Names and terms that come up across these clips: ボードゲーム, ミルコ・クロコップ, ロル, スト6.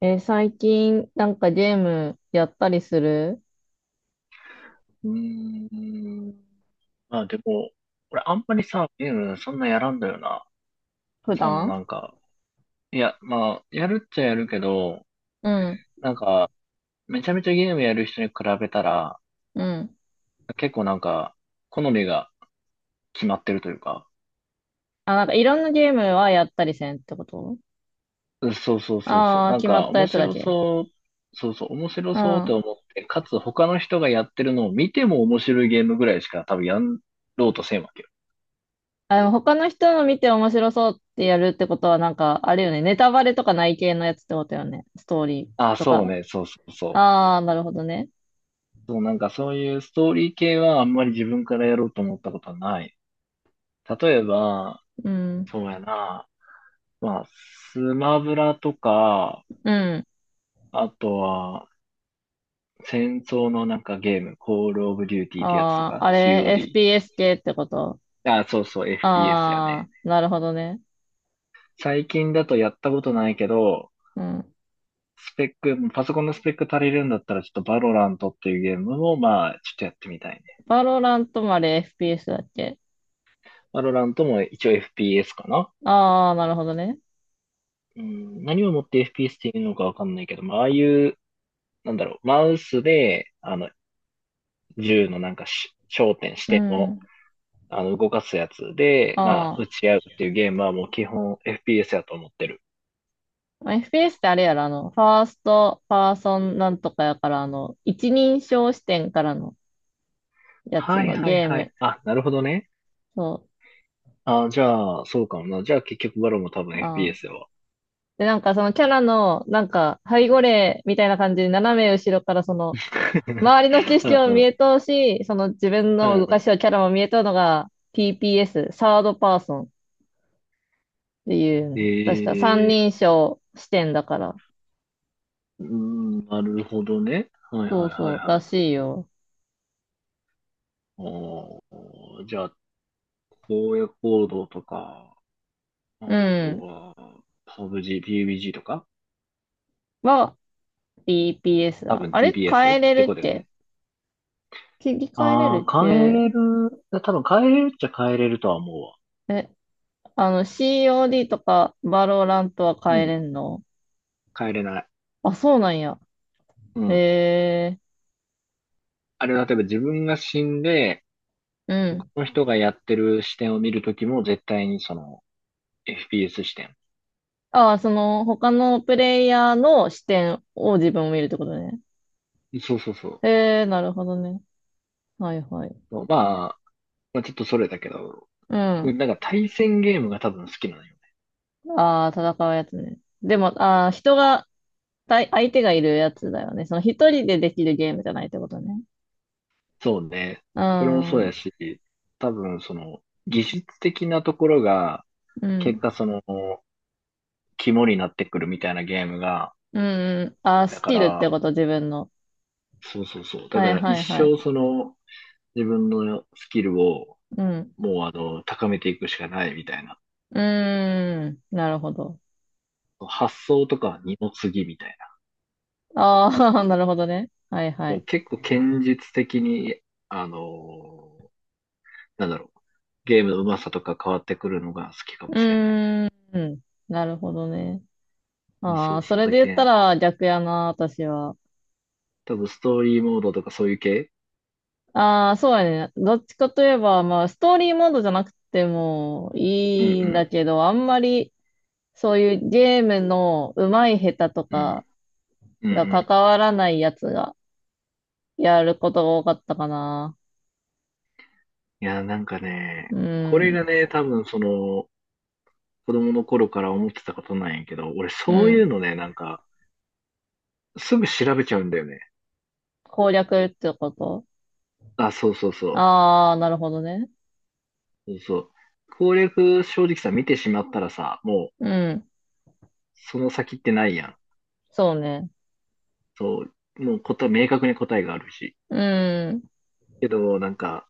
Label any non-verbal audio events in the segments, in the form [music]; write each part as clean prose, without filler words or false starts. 最近、なんかゲームやったりする？うーん。まあでも、俺あんまりさ、ゲームそんなやらんだよな。普その段？なんか、いや、まあ、やるっちゃやるけど、うん、なんか、めちゃめちゃゲームやる人に比べたら、うん。結構なんか、好みが決まってるというか、あ、なんかいろんなゲームはやったりせんってこと？うんそうそうそうそう、ああー、なん決まかった面やつだ白け。そう、そうそう、面白うそうってん。思って、かつ他の人がやってるのを見ても面白いゲームぐらいしか多分やろうとせんわけよ。あ、でも他の人の見て面白そうってやるってことは、なんか、あれよね。ネタバレとかない系のやつってことよね。ストーリーあ、とそうか。ね、そうそうそう。ああ、なるほどね。そう、なんかそういうストーリー系はあんまり自分からやろうと思ったことはない。例えば、うん。そうやな、まあ、スマブラとか、うん。あとは、戦争のなんかゲーム、コールオブデューティーってやつとああ、か、あれ、COD。FPS 系ってこと？あ、そうそう、FPS やね。ああなるほどね。最近だとやったことないけど、うん。スペック、パソコンのスペック足りるんだったら、ちょっとバロラントっていうゲームも、まあ、ちょっとやってみたいね。バロラントもあれ FPS だっけ？バロラントも一応 FPS かな。ああ、なるほどね。うん、何をもって FPS っていうのかわかんないけど、まあ、ああいうなんだろう、マウスで、銃のなんかし焦点、視う点を、ん。動かすやつで、まあ、あ撃あ。ち合うっていうゲームはもう基本 FPS やと思ってる。まあ FPS ってあれやろ。ファースト、パーソンなんとかやから、一人称視点からのやつはいのはいゲーはい。ム。あ、なるほどね。そあ、じゃあ、そうかもな。じゃあ結局バロも多分 う。ああ。FPS やわ。で、なんかそのキャラの、なんか、背後霊みたいな感じで斜め後ろからその、[laughs] 周りの景う色んもう見ん。えとうし、その自分うの動かんしをキャラも見えとうのが TPS、サードパーソンっていうえね、確か三人ー、称視点だから。うん、なるほどね。はいそはういはそいう、らはい。しいよ。おー、じゃあ、荒野行動とか、うあとん。は、PUBG とかは、BPS 多だ。分 あれ TBS っ変えれてるこっとだよけ？ね。切り替えれあるっあ、変えけ？れる。多分変えれるっちゃ変えれるとは思うわ。え、あの COD とかバローラントはう変えれん。んの？変えれない。あ、そうなんや。うん。えー、あれは例えば自分が死んで、うこん。の人がやってる視点を見るときも絶対にその FPS 視点。ああ、その他のプレイヤーの視点を自分を見るってことね。そうそうそなるほどね。はいはい。う。まあちょっとそれだけど、うん。なんか対戦ゲームが多分好きなのよね。ああ、戦うやつね。でも、ああ、対相手がいるやつだよね。その一人でできるゲームじゃないってことね。そうね。うそれもそうやん。し、多分その技術的なところがう結ん。果その肝になってくるみたいなゲームが、うんうん。あ、だスかキルってら、こと、自分の。そうそうそう。だはかいらは一いは生い。その自分のスキルをうん。もう高めていくしかないみたいな。うーん。なるほど。発想とかは二の次みたいな。ああ、[laughs] なるほどね。はいはそうい。結構堅実的に、あのなんだろう。ゲームの上手さとか変わってくるのが好きかうもしれない。ーん。なるほどね。そうそああ、うそそう。れで言ったら逆やな、私は。多分ストーリーモードとかそういう系。ああ、そうやね。どっちかといえば、まあ、ストーリーモードじゃなくてもうんいいうんだん。けど、あんまりそういうゲームの上手い下手とうん。かうんうがん。関わらないやつがやることが多かったかな。いや、なんかうね、これん。がね、多分その、子供の頃から思ってたことなんやけど、俺うそういうん。のね、なんか、すぐ調べちゃうんだよね。攻略ってこと？あ、そうそうそああー、なるほどね。う。そうそう。攻略正直さ、見てしまったらさ、もう、うん。その先ってないやん。そうね。そう、もう明確に答えがあるし。うん。けど、なんか、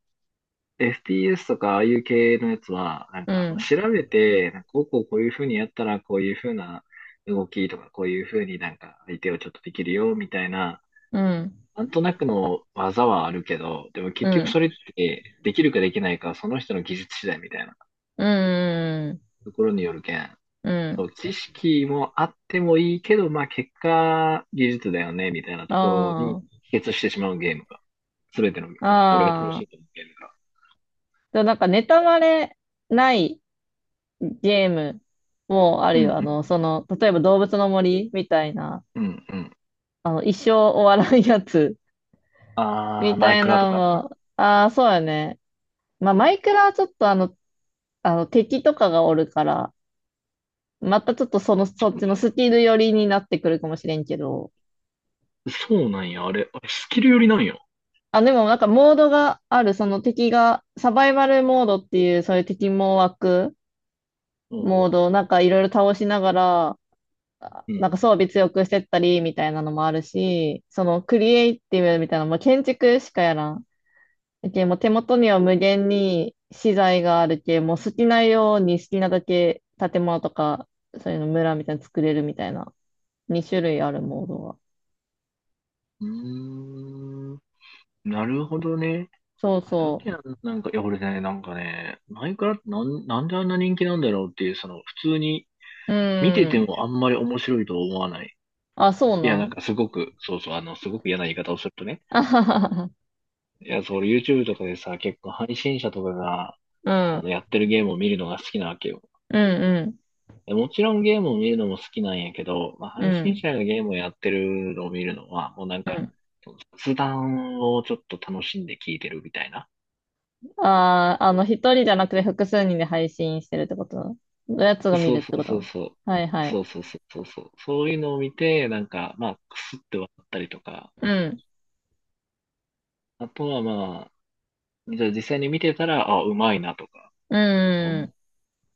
FPS とかああいう系のやつは、なんうか、まあん。調べて、なんかこうこうこういう風にやったら、こういう風な動きとか、こういう風になんか相手をちょっとできるよ、みたいな、うん。なんとなくの技はあるけど、でもう結局ん。それって、できるかできないかはその人の技術次第みたいなうん。ところによるけん。うそう、ん。知識もあってもいいけど、まあ結果、技術だよね、みたいなところにあ帰結してしまうゲームが、すべての、あ。俺が楽あしいとあ。思うゲームが。でもなんか、ネタバレないゲームもあうるよ。ん例えば動物の森みたいな、うん、うん、うん。一生終わらんやつ [laughs] あー、みマたイいクラとなのか。も、ああ、そうやね。まあ、マイクラはちょっと敵とかがおるから、またちょっとそそっうちなんのや。スキル寄りになってくるかもしれんけど。そうなんや、あれスキルよりなんや。あ、でもなんかモードがある、その敵が、サバイバルモードっていう、そういう敵も湧くうんモーうん。ドをなんかいろいろ倒しながら、あなんか装備強くしてったりみたいなのもあるし、そのクリエイティブみたいなのも建築しかやらん。けもう手元には無限に資材があるけ、もう好きなように好きなだけ建物とか、そういうの村みたいなの作れるみたいな、2種類あるモードが。うん。うーん。なるほどね。そうあ、だそけう。どなんか、いや、俺ね、なんかね、マイクラってなんであんな人気なんだろうっていう、その、普通にう見てーてん。もあんまり面白いと思わない。あ、そういや、ななんかん。すごく、そうそう、すごく嫌な言い方をするとね。あははは。いや、そう、俺 YouTube とかでさ、結構配信者とかが、うん。やってるゲームを見るのが好きなわけよ。うんでもちろんゲームを見るのも好きなんやけど、まあ、うん。配う信ん。者がゲームをやってるのを見るのは、もうなんうか、ん。雑談をちょっと楽しんで聞いてるみたいな。ああ、一人じゃなくて複数人で配信してるってこと？のやつが見そるうっそてうこそうと？そう。はいはい。そうそうそうそうそう。そういうのを見て、なんか、まあ、くすって笑ったりとか、うん。あとはまあ、じゃあ実際に見てたら、あ、うまいなとか、うん。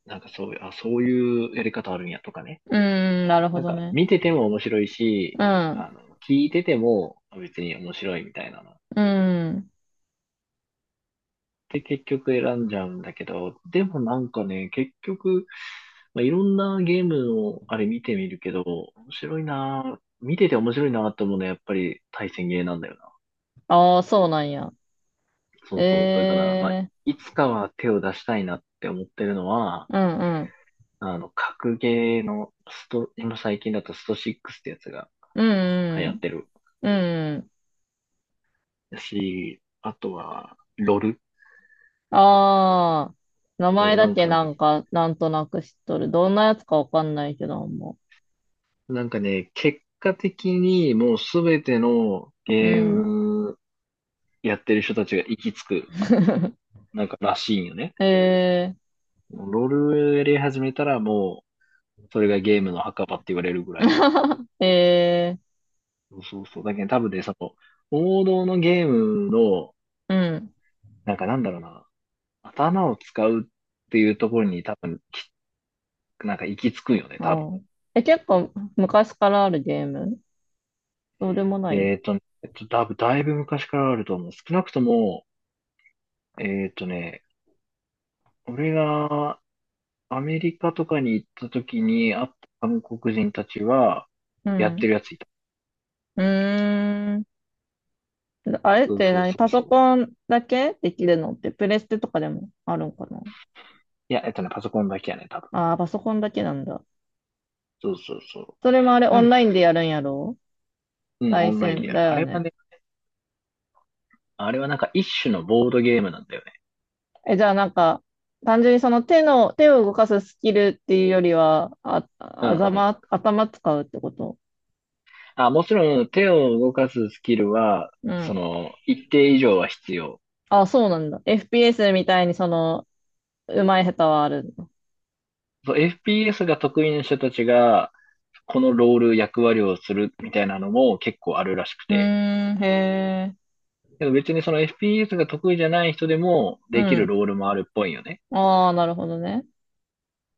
なんかそういう、あ、そういうやり方あるんやとかね。うん。なるほなんどかね。見てても面白いし、うん。あの、聞いててもあ別に面白いみたいなの。うん。で、結局選んじゃうんだけど、でもなんかね、結局、まあ、いろんなゲームのあれ見てみるけど、面白いなぁ、見てて面白いなぁと思うのはやっぱり対戦ゲーなんだよな。ああ、そうなんや。そうそう。だから、まあ、ええいつかは手を出したいなって思ってるのは、ー。うんうん。格ゲーの今最近だとスト6ってやつがう流んう行っん。てるうんうん。だし、あとは、ロルああ、名前と、なだんけかね、なんか、なんとなく知っとる。どんなやつかわかんないけど、もなんかね、結果的にもうすべてのう。うゲーん。ムやってる人たちが行き着く、[laughs] なんからしいんよね。えロールやり始めたらもう、それがゲームの墓場って言われるぐらい。ー、[laughs] えー、そうそうそう。だけど多分ね、その、王道のゲームの、うん。なんかなんだろうな、頭を使うっていうところに多分、なんか行き着くんよね、あ多分。ーえ、結構昔からあるゲーム？そうでもない？えっとね、多分だいぶ昔からあると思う。少なくとも、えっとね、俺がアメリカとかに行った時に会った韓国人たちは、うやってるん。やついた。うーん。あれっそうてそう何？そパうそソう。コンだけできるのって、プレステとかでもあるんかな？いや、パソコンだけやね、多分。ああー、パソコンだけなんだ。そうそうそう。それもあれオなンんラインでやるんやろ？うん、オ対ンラインで戦やだる。あよれはね。ね、あれはなんか一種のボードゲームなんだよね。え、じゃあなんか、単純に手を動かすスキルっていうよりは、あ、うんうん。頭使うってこと？あ、もちろん手を動かすスキルは、うそん。の、一定以上は必要。あ、そうなんだ。FPS みたいにうまい下手はあるんだ。そう、FPS が得意な人たちが、このロール役割をするみたいなのも結構あるらしくうて。ーん、へえ。でも別にその FPS が得意じゃない人でもうできるん。ロールもあるっぽいよね。ああ、なるほどね。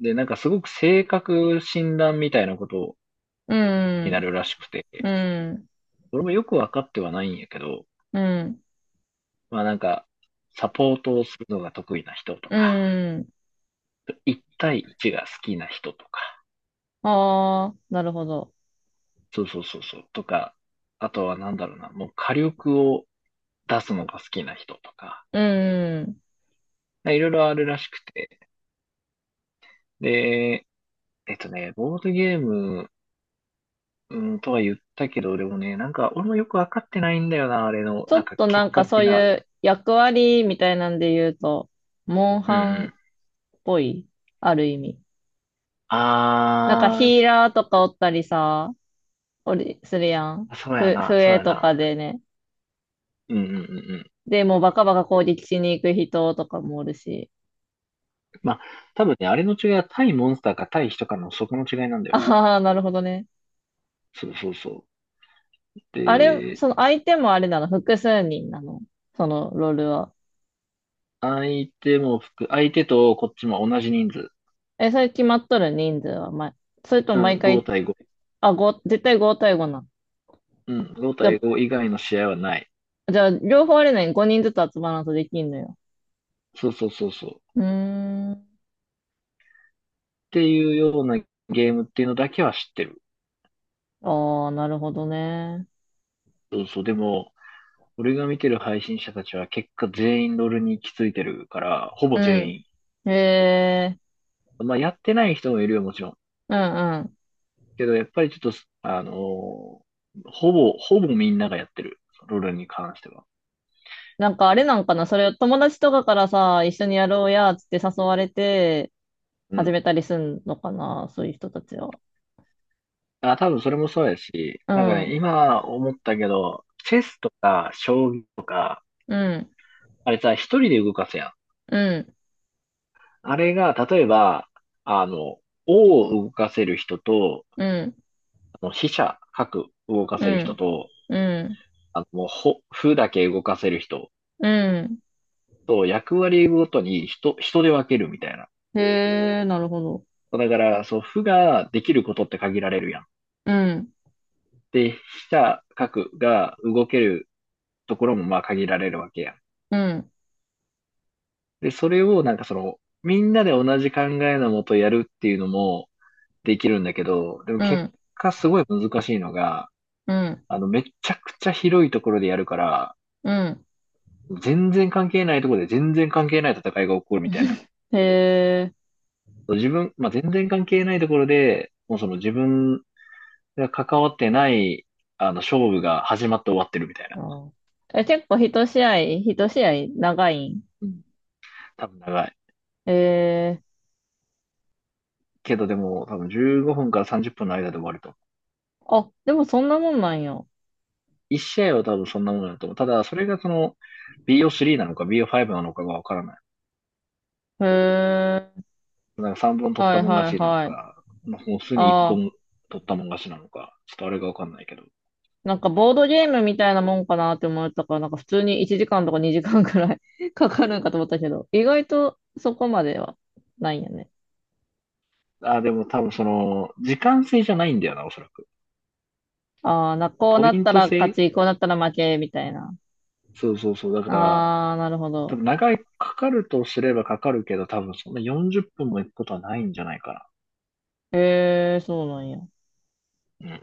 で、なんかすごく性格診断みたいなことうになん、るらしくて、うん、俺もよくわかってはないんやけど、うん、まあなんか、サポートをするのが得意な人とうか、ん。1対1が好きな人とか、ああ、なるほど。そうそうそうそう、とか、あとはなんだろうな、もう火力を出すのが好きな人とか、うん。いろいろあるらしくて、で、ボードゲーム。うん、とは言ったけど、でもね、なんか、俺もよくわかってないんだよな、あれの、ちょなんっか、とな結んか果そ的ういな。う役割みたいなんで言うと、モンうんうハンっん。ぽい、ある意味。なんかあヒーラーとかおったりさ、するやん。ー、そうやな、そう笛やとかな。でね。うんうんうんうん。で、もうバカバカ攻撃しに行く人とかもおるし。まあ、多分ね、あれの違いは対モンスターか対人かのそこの違いなんだよな。ああ、なるほどね。そうそうそう。あれ、で、その相手もあれなの？複数人なの？そのロールは。相手とこっちも同じ人数。え、それ決まっとる人数は、ま、それとうも毎ん、5回？対5。あ、絶対5対5なの？うん、5じゃ対5以外の試合はない。じゃあ、両方あれなに5人ずつ集まらんとできんのよ？そうそうそうそう。っうーん。ていうようなゲームっていうのだけは知ってる。ああ、なるほどね。そうそう。でも、俺が見てる配信者たちは結果全員ロールに行き着いてるから、ほうぼ全ん。員。へえ、まあ、やってない人もいるよ、もちろん。うんうん。けど、やっぱりちょっと、ほぼみんながやってる。ロールに関しては。なんかあれなんかな、それを友達とかからさ、一緒にやろうや、つって誘われて、う始ん。めたりすんのかな、そういう人たちは。あ、多分それもそうやし、うなんかん、ね、今思ったけど、チェスとか将棋、うん、あれさ、一人で動かすやん。うん、あれが、例えば、あの、王を動かせる人と、うん。飛車、角動かうせる人ん、と、うん、もう、歩だけ動かせる人。うん。そう、役割ごとに人で分けるみたいな。へえ、なるほど。そうだから、そう、負ができることって限られるやん。うん、で、飛車、角が動けるところもまあ限られるわけやん。うん、で、それをなんかその、みんなで同じ考えのもとやるっていうのもできるんだけど、でもう結ん、果すごい難しいのが、うん、めちゃくちゃ広いところでやるから、うん。全然関係ないところで全然関係ない戦いが起こるみたいへえ。な。自分、まあ、全然関係ないところで、もうその自分それは関わってない、勝負が始まって終わってるみたいな。あーえ、結構一試合、一試合長いん？うん。多分長い。へえ。けどでも、多分15分から30分の間で終わると。あ、でもそんなもんなんや。1試合は多分そんなものだと思う。ただ、それがその、BO3 なのか BO5 なのかがわからない。へえ。なんか3本取っはたいもんはい勝ちなのはい。か、まあ、普通に1ああ、本取ったもん勝ちなのか、ちょっとあれがわかんないけど。なんかボードゲームみたいなもんかなって思ったから、なんか普通に1時間とか2時間くらい [laughs] かかるんかと思ったけど、意外とそこまではないんやね。あ、でも多分その、時間制じゃないんだよな、おそらく。ああ、こうポなイっンたトら勝制。ち、こうなったら負け、みたいな。そうそうそう。だから、ああ、なるほ多ど。分長い、かかるとすればかかるけど、多分そんな40分も行くことはないんじゃないかええ、そうなんや。な。